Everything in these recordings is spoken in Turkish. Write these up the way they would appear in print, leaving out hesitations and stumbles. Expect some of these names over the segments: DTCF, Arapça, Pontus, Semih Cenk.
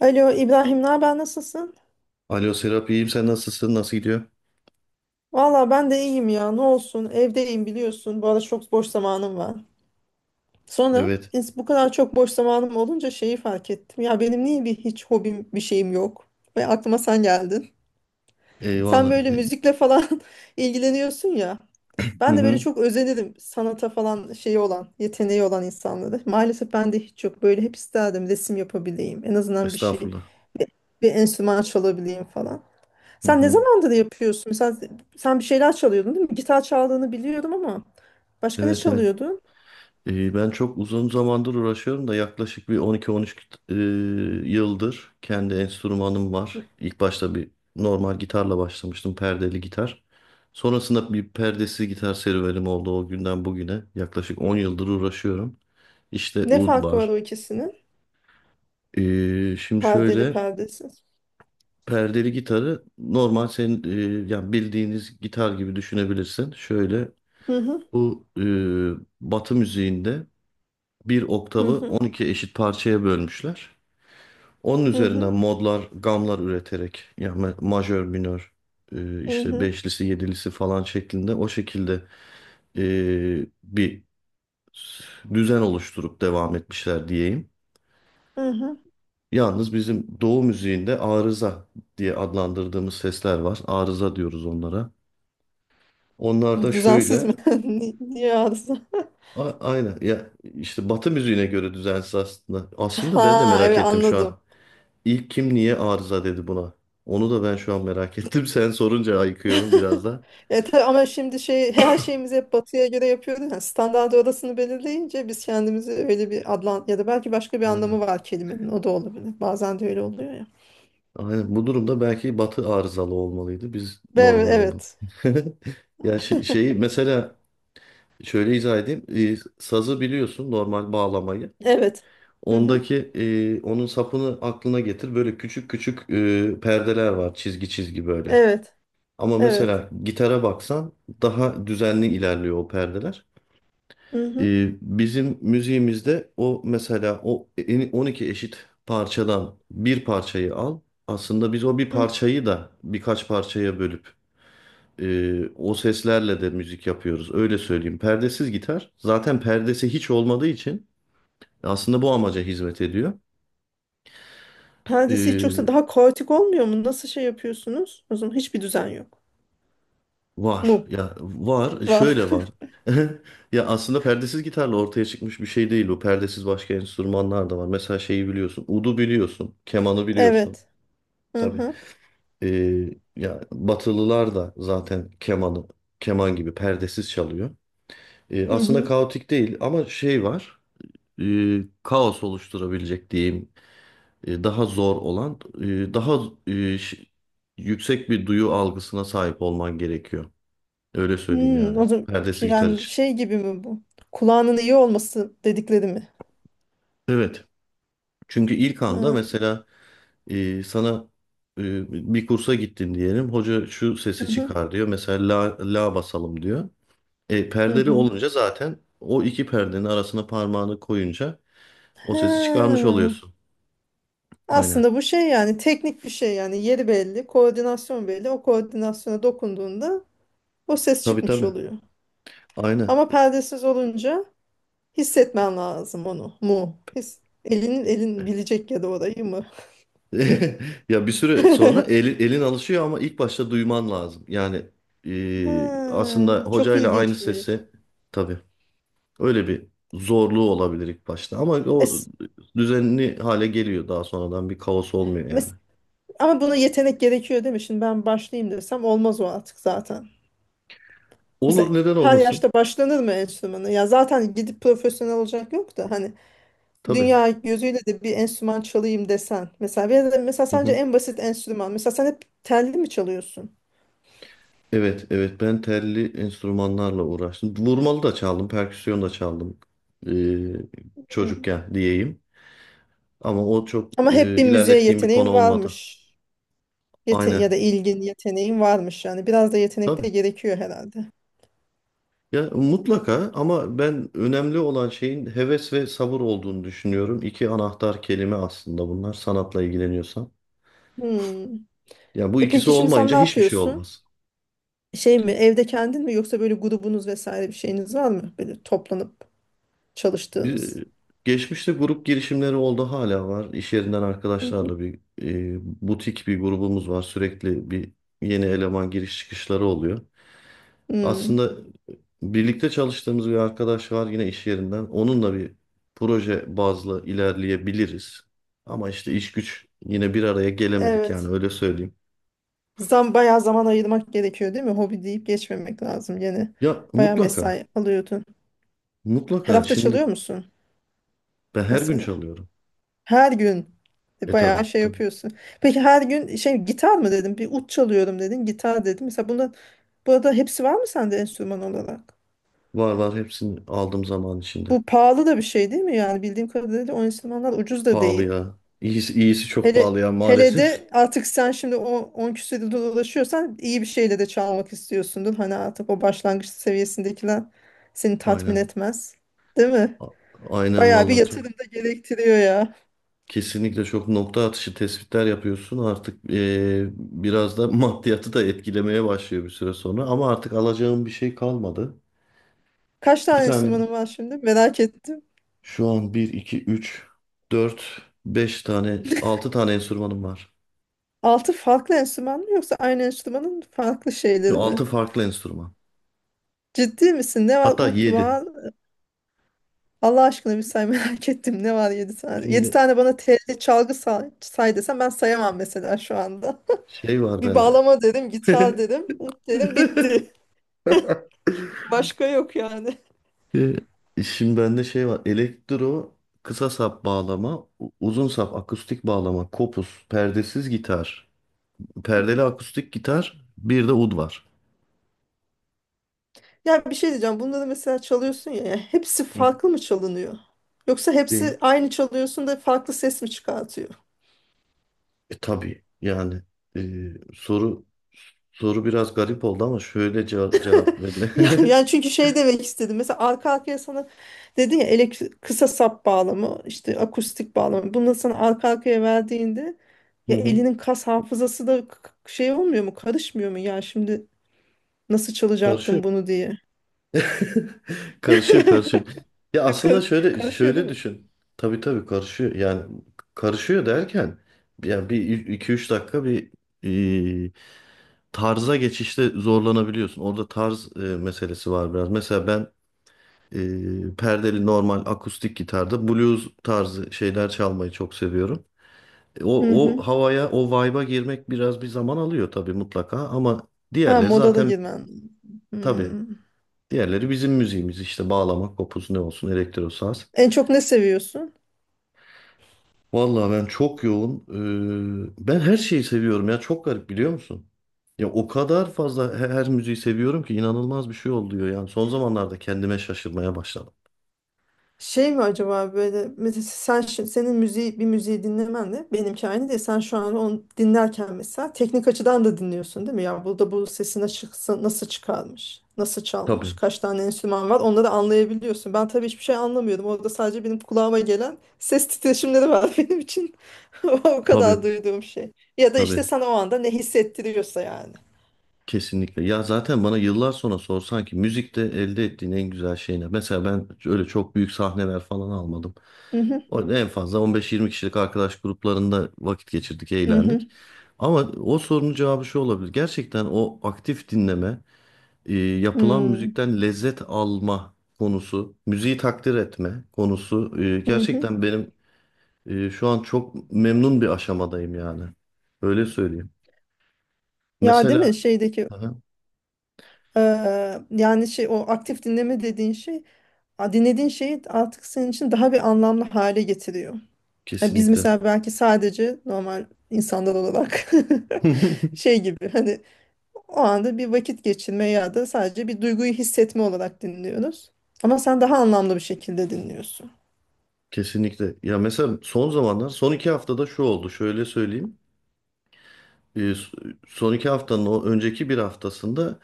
Alo İbrahim, ne haber nasılsın? Alo Serap, iyiyim, sen nasılsın, nasıl gidiyor? Valla ben de iyiyim ya ne olsun evdeyim biliyorsun bu arada çok boş zamanım var. Sonra Evet. Bu kadar çok boş zamanım olunca şeyi fark ettim. Ya benim niye bir hiç hobim bir şeyim yok? Ve aklıma sen geldin. Sen Eyvallah. böyle müzikle falan ilgileniyorsun ya. Hı Ben de böyle hı. çok özenirim sanata falan şeyi olan, yeteneği olan insanları. Maalesef ben de hiç yok. Böyle hep isterdim resim yapabileyim. En azından bir şey, Estağfurullah. bir, bir enstrüman çalabileyim falan. Hı Sen ne hı. zamandır yapıyorsun? Mesela sen bir şeyler çalıyordun değil mi? Gitar çaldığını biliyorum ama başka ne Evet, evet. çalıyordun? Ben çok uzun zamandır uğraşıyorum da yaklaşık bir 12-13 e, yıldır kendi enstrümanım var. İlk başta bir normal gitarla başlamıştım, perdeli gitar. Sonrasında bir perdesiz gitar serüvenim oldu o günden bugüne. Yaklaşık 10 yıldır uğraşıyorum. İşte Ne ud farkı var var. o ikisinin? Şimdi Perdeli şöyle, perdesiz. perdeli gitarı normal senin yani bildiğiniz gitar gibi düşünebilirsin. Şöyle Hı hı bu Batı müziğinde bir hı oktavı hı 12 eşit parçaya bölmüşler. Onun hı üzerinden hı modlar, gamlar üreterek, yani majör, minör, hı işte hı. beşlisi, yedilisi falan şeklinde, o şekilde bir düzen oluşturup devam etmişler diyeyim. Hı hı. Yalnız bizim Doğu müziğinde arıza diye adlandırdığımız sesler var. Arıza diyoruz onlara. Onlar da Düzensiz şöyle, mi? Niye arıza? Aynen ya, işte Batı müziğine göre düzensiz aslında. Aslında ben de Ha merak evet ettim şu anladım. an. İlk kim niye arıza dedi buna? Onu da ben şu an merak ettim. Sen sorunca ayıkıyorum biraz da. Tabii ama şimdi şey her şeyimizi hep batıya göre yapıyoruz. Yani standart orasını belirleyince biz kendimizi öyle bir adlan ya da belki başka bir Aynen. anlamı var kelimenin. O da olabilir. Bazen de öyle oluyor ya. Aynen. Bu durumda belki Batı arızalı olmalıydı, biz Ve normal olmalıydık. evet, Ya şey, evet. şeyi mesela şöyle izah edeyim. Sazı biliyorsun, normal bağlamayı. Evet. Hı hı. Ondaki onun sapını aklına getir. Böyle küçük küçük perdeler var, çizgi çizgi böyle. Evet. Ama Evet. mesela gitara baksan daha düzenli ilerliyor o perdeler. Hı hı. Bizim müziğimizde o, mesela o 12 eşit parçadan bir parçayı al. Aslında biz o bir Hı. parçayı da birkaç parçaya bölüp o seslerle de müzik yapıyoruz. Öyle söyleyeyim. Perdesiz gitar zaten perdesi hiç olmadığı için aslında bu amaca hizmet ediyor. Perdesi hiç yoksa Ee, daha kaotik olmuyor mu? Nasıl şey yapıyorsunuz? O zaman hiçbir düzen yok. Var Mu? ya, var. E, Var. şöyle var. Ya aslında perdesiz gitarla ortaya çıkmış bir şey değil o. Perdesiz başka enstrümanlar da var. Mesela şeyi biliyorsun. Udu biliyorsun. Kemanı biliyorsun. Evet. Hı Tabii. hı. Ee, Ya Batılılar da zaten kemanı keman gibi perdesiz çalıyor. Hı Aslında hı. kaotik değil ama şey var. Kaos oluşturabilecek diyeyim. Daha zor olan, daha ee, ş- yüksek bir duyu algısına sahip olman gerekiyor. Öyle söyleyeyim Hmm, yani. o zaman Perdesi şey- gitar yani için. şey gibi mi bu? Kulağının iyi olması dedikleri mi? Evet. Çünkü ilk anda Ha. mesela sana bir kursa gittin diyelim. Hoca şu sesi Hı hı. çıkar diyor. Mesela la, la basalım diyor. E, Hı perdeli hı. olunca zaten o iki perdenin arasına parmağını koyunca o Ha. sesi çıkarmış oluyorsun. Aynen. Aslında bu şey yani teknik bir şey yani yeri belli, koordinasyon belli. O koordinasyona dokunduğunda o ses Tabii, çıkmış tabii. oluyor. Aynen. Ama perdesiz olunca hissetmen lazım onu mu? His, elinin elin bilecek ya da orayı mı? Ya bir süre sonra elin alışıyor ama ilk başta duyman lazım. Yani Ha, aslında çok hocayla aynı ilginçmiş. sesi, tabii. Öyle bir zorluğu olabilir ilk başta, ama o Es, düzenli hale geliyor daha sonradan, bir kaos olmuyor yani. mes- ama buna yetenek gerekiyor değil mi? Şimdi ben başlayayım desem olmaz o artık zaten. Olur, Mesela neden her olmasın? yaşta başlanır mı enstrümanı? Ya zaten gidip profesyonel olacak yok da hani Tabii. dünya gözüyle de bir enstrüman çalayım desen. Mesela ya da mesela Hı sence hı. en basit enstrüman. Mesela sen hep telli mi çalıyorsun? Evet, evet, ben telli enstrümanlarla uğraştım. Vurmalı da çaldım, perküsyon da çaldım, ee, Hı. çocukken diyeyim. Ama o çok Ama hep bir müziğe ilerlettiğim bir konu yeteneğin olmadı. varmış. Yete ya Aynen. da ilgin, yeteneğin varmış yani. Biraz da yetenek de Tabii. gerekiyor herhalde. Ya mutlaka, ama ben önemli olan şeyin heves ve sabır olduğunu düşünüyorum. İki anahtar kelime aslında bunlar, sanatla ilgileniyorsan. Hmm. Yani bu E ikisi peki şimdi sen olmayınca ne hiçbir şey yapıyorsun? olmaz. Şey mi, evde kendin mi yoksa böyle grubunuz vesaire bir şeyiniz var mı? Böyle toplanıp çalıştığınız. Bir, geçmişte grup girişimleri oldu, hala var. İş yerinden Hı hı. arkadaşlarla bir butik bir grubumuz var. Sürekli bir yeni eleman giriş çıkışları oluyor. Hmm, Aslında birlikte çalıştığımız bir arkadaş var yine iş yerinden. Onunla bir proje bazlı ilerleyebiliriz. Ama işte iş güç, yine bir araya gelemedik yani, evet. öyle söyleyeyim. Zam bayağı zaman ayırmak gerekiyor değil mi? Hobi deyip geçmemek lazım gene. Ya Bayağı mutlaka mesai alıyordun. Her mutlaka hafta şimdi çalıyor musun ben her gün mesela? çalıyorum. Her gün E bayağı tabii. şey yapıyorsun. Peki her gün şey gitar mı dedim? Bir ut çalıyorum dedin. Gitar dedim. Mesela bunun burada hepsi var mı sende enstrüman olarak? Var var, hepsini aldım zaman içinde. Bu pahalı da bir şey değil mi? Yani bildiğim kadarıyla o enstrümanlar ucuz da Pahalı değil. ya. İyisi çok Hele pahalı ya hele maalesef. de artık sen şimdi o 10 küsur yılda dolaşıyorsan iyi bir şeyle de çalmak istiyorsundur. Hani artık o başlangıç seviyesindekiler seni tatmin Aynen. etmez. Değil mi? A- Aynen Bayağı bir vallahi, çok. yatırım da gerektiriyor ya. Kesinlikle çok nokta atışı tespitler yapıyorsun. Artık biraz da maddiyatı da etkilemeye başlıyor bir süre sonra. Ama artık alacağım bir şey kalmadı. Kaç Bir tane tane, enstrümanın var şimdi? Merak ettim. şu an bir 2 3 4 5 tane, altı tane enstrümanım var. Altı farklı enstrüman mı yoksa aynı enstrümanın farklı şeyleri mi? 6 farklı enstrüman. Ciddi misin? Ne var? Hatta Ut yedi. var. Allah aşkına bir say merak ettim. Ne var yedi tane? Yedi Şimdi tane bana telli çalgı say, say desem ben sayamam mesela şu anda. şey var Bir bende. bağlama dedim, gitar dedim, ut dedim bitti. Başka yok yani. E, şimdi bende şey var. Elektro, kısa sap bağlama, uzun sap akustik bağlama, kopuz, perdesiz gitar, perdeli akustik gitar, bir de ud var. Ya bir şey diyeceğim. Bunları mesela çalıyorsun ya. Ya hepsi Hı. farklı mı çalınıyor? Yoksa Değil. hepsi aynı çalıyorsun da farklı ses mi çıkartıyor? E, tabii yani, e, soru soru biraz garip oldu ama şöyle cevap Ya, verilir. yani çünkü şey demek istedim. Mesela arka arkaya sana dedin ya elektrik, kısa sap bağlamı, işte akustik bağlamı. Bunları sana arka arkaya verdiğinde Hı ya hı. elinin kas hafızası da şey olmuyor mu? Karışmıyor mu? Ya şimdi nasıl Karşı çalacaktım bunu diye. Karışıyor, karışıyor. Ya aslında şöyle Karışıyor değil şöyle mi? düşün. Tabii tabii, karışıyor. Yani karışıyor derken yani bir iki üç dakika bir e, tarza geçişte zorlanabiliyorsun. Orada tarz meselesi var biraz. Mesela ben perdeli normal akustik gitarda blues tarzı şeyler çalmayı çok seviyorum. E, o, Hı o hı. havaya, o vibe'a girmek biraz bir zaman alıyor tabii, mutlaka, ama Ha diğerleri moda da zaten, girmen. tabii. Hmm. Diğerleri bizim müziğimiz işte: bağlama, kopuz ne olsun, elektro saz. En çok ne seviyorsun? Vallahi ben çok yoğun. Ben her şeyi seviyorum ya, çok garip, biliyor musun? Ya o kadar fazla her müziği seviyorum ki inanılmaz bir şey oluyor yani. Son zamanlarda kendime şaşırmaya başladım. Şey mi acaba böyle mesela sen senin müziği bir müziği dinlemen de benimki aynı değil. Sen şu an onu dinlerken mesela teknik açıdan da dinliyorsun değil mi? Ya burada bu sesine çıksa nasıl çıkarmış? Nasıl çalmış? Tabii, Kaç tane enstrüman var? Onları anlayabiliyorsun. Ben tabii hiçbir şey anlamıyordum. Orada sadece benim kulağıma gelen ses titreşimleri var benim için. O kadar tabii, duyduğum şey. Ya da işte tabii. sana o anda ne hissettiriyorsa yani. Kesinlikle. Ya zaten bana yıllar sonra sorsan ki müzikte elde ettiğin en güzel şey ne? Mesela ben öyle çok büyük sahneler falan almadım. Hı hı En fazla 15-20 kişilik arkadaş gruplarında vakit geçirdik, hı hı. eğlendik. Ama o sorunun cevabı şu olabilir. Gerçekten o aktif dinleme, yapılan Hı, müzikten lezzet alma konusu, müziği takdir etme konusu, hı hı. gerçekten benim şu an çok memnun bir aşamadayım yani. Öyle söyleyeyim. Ya değil mi Mesela, şeydeki aha, yani şey o aktif dinleme dediğin şey dinlediğin şeyi artık senin için daha bir anlamlı hale getiriyor. Yani biz kesinlikle. mesela belki sadece normal insanlar olarak şey gibi hani o anda bir vakit geçirme ya da sadece bir duyguyu hissetme olarak dinliyoruz. Ama sen daha anlamlı bir şekilde dinliyorsun. Kesinlikle. Ya mesela son zamanlar, son iki haftada şu oldu. Şöyle söyleyeyim. Ee, s- Son iki haftanın o önceki bir haftasında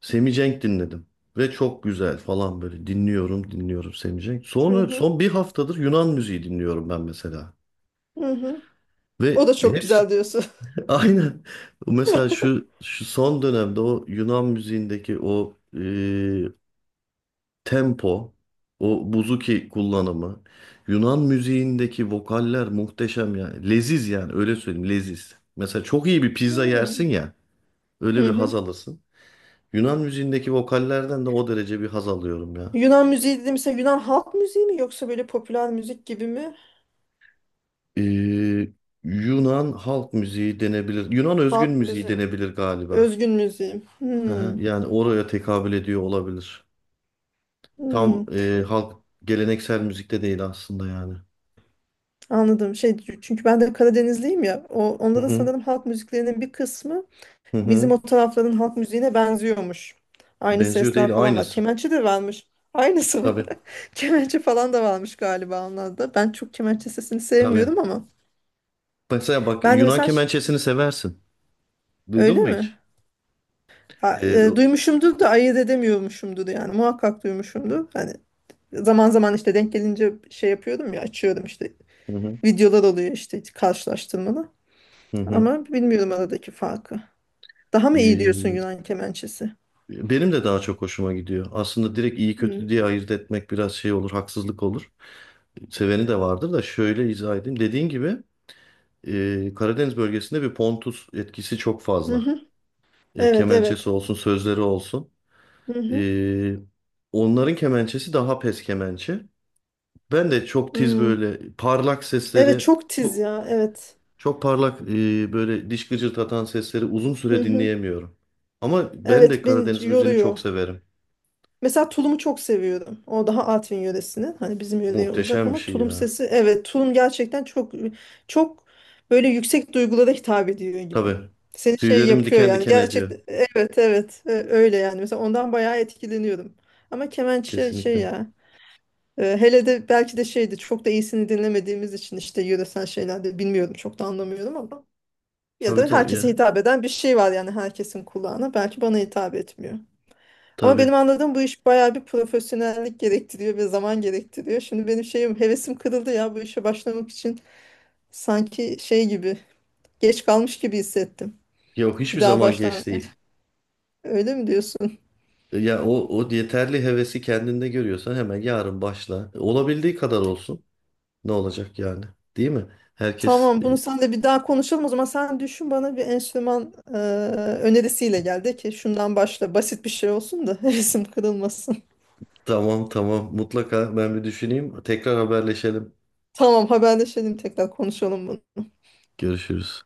Semih Cenk dinledim. Ve çok güzel falan böyle, dinliyorum, dinliyorum Semih Cenk. Hı Sonra hı, son bir haftadır Yunan müziği dinliyorum ben mesela. hı hı. O Ve da çok hepsi güzel diyorsun. aynen. Mesela şu şu son dönemde o Yunan müziğindeki o tempo, o buzuki kullanımı, Yunan müziğindeki vokaller muhteşem yani. Leziz yani, öyle söyleyeyim, leziz. Mesela çok iyi bir pizza Hmm. yersin ya, Hı öyle bir haz hı. alırsın. Yunan müziğindeki vokallerden de o derece bir haz alıyorum ya. Yunan müziği dediğim mesela Yunan halk müziği mi yoksa böyle popüler müzik gibi mi? Ee, Yunan halk müziği denebilir. Yunan özgün Halk müziği müziği. denebilir galiba. Özgün müziğim. Hı hı, Hmm, yani oraya tekabül ediyor olabilir. Tam hmm. Halk, geleneksel müzikte değil aslında yani. Anladım. Şey çünkü ben de Karadenizliyim ya. O, Hı onların hı, sanırım halk müziklerinin bir kısmı hı bizim hı. o tarafların halk müziğine benziyormuş. Aynı Benziyor değil, sesler falan var. aynısı. Kemençe de varmış. Aynısı mı? Tabii. Kemençe falan da varmış galiba onlarda. Ben çok kemençe sesini sevmiyorum Tabii. ama. Mesela bak, Ben de Yunan mesela kemençesini seversin. Duydun öyle mu hiç? mi? Ha, Ee, o- duymuşumdur da ayırt edemiyormuşumdur yani. Muhakkak duymuşumdur. Hani zaman zaman işte denk gelince şey yapıyordum ya açıyordum işte hı hı, videolar oluyor işte karşılaştırmalı. hı hı. Ama bilmiyorum aradaki farkı. Daha mı iyi diyorsun Ee, Yunan kemençesi? benim de daha çok hoşuma gidiyor. Aslında direkt iyi Hmm. kötü diye ayırt etmek biraz şey olur, haksızlık olur. Seveni de vardır da şöyle izah edeyim. Dediğin gibi Karadeniz bölgesinde bir Pontus etkisi çok Hı fazla. hı. Ya, Evet kemençesi evet. olsun, sözleri olsun. Hı hı. Ee, onların kemençesi daha pes kemençe. Ben de çok tiz Hmm. böyle parlak Evet sesleri çok tiz çok. ya evet. Çok parlak böyle diş gıcırtatan sesleri uzun Hı süre hı. dinleyemiyorum. Ama ben de Evet beni Karadeniz müziğini yoruyor. çok severim. Mesela tulumu çok seviyorum. O daha Artvin yöresinin. Hani bizim yöreye uzak Muhteşem bir ama şey tulum ya. sesi evet tulum gerçekten çok çok böyle yüksek duygulara hitap ediyor gibi. Tabii. Seni şey Tüylerimi yapıyor diken yani diken ediyor. gerçekten evet evet öyle yani. Mesela ondan bayağı etkileniyorum. Ama kemençe şey şey Kesinlikle. ya hele de belki de şeydi çok da iyisini dinlemediğimiz için işte yöresel şeylerde bilmiyorum çok da anlamıyorum ama ya Tabii da tabii herkese ya. hitap eden bir şey var yani herkesin kulağına belki bana hitap etmiyor. Ama Tabii. benim anladığım bu iş bayağı bir profesyonellik gerektiriyor ve zaman gerektiriyor. Şimdi benim şeyim hevesim kırıldı ya bu işe başlamak için sanki şey gibi geç kalmış gibi hissettim. Yok, Bir hiçbir daha zaman baştan geç değil. öyle mi diyorsun? Ya o, o yeterli hevesi kendinde görüyorsan hemen yarın başla. Olabildiği kadar olsun. Ne olacak yani? Değil mi? Herkes Tamam bunu sen de bir daha konuşalım o zaman sen düşün bana bir enstrüman önerisiyle gel de ki şundan başla basit bir şey olsun da hevesim kırılmasın. tamam tamam, mutlaka ben bir düşüneyim. Tekrar haberleşelim. Tamam haberleşelim tekrar konuşalım bunu. Görüşürüz.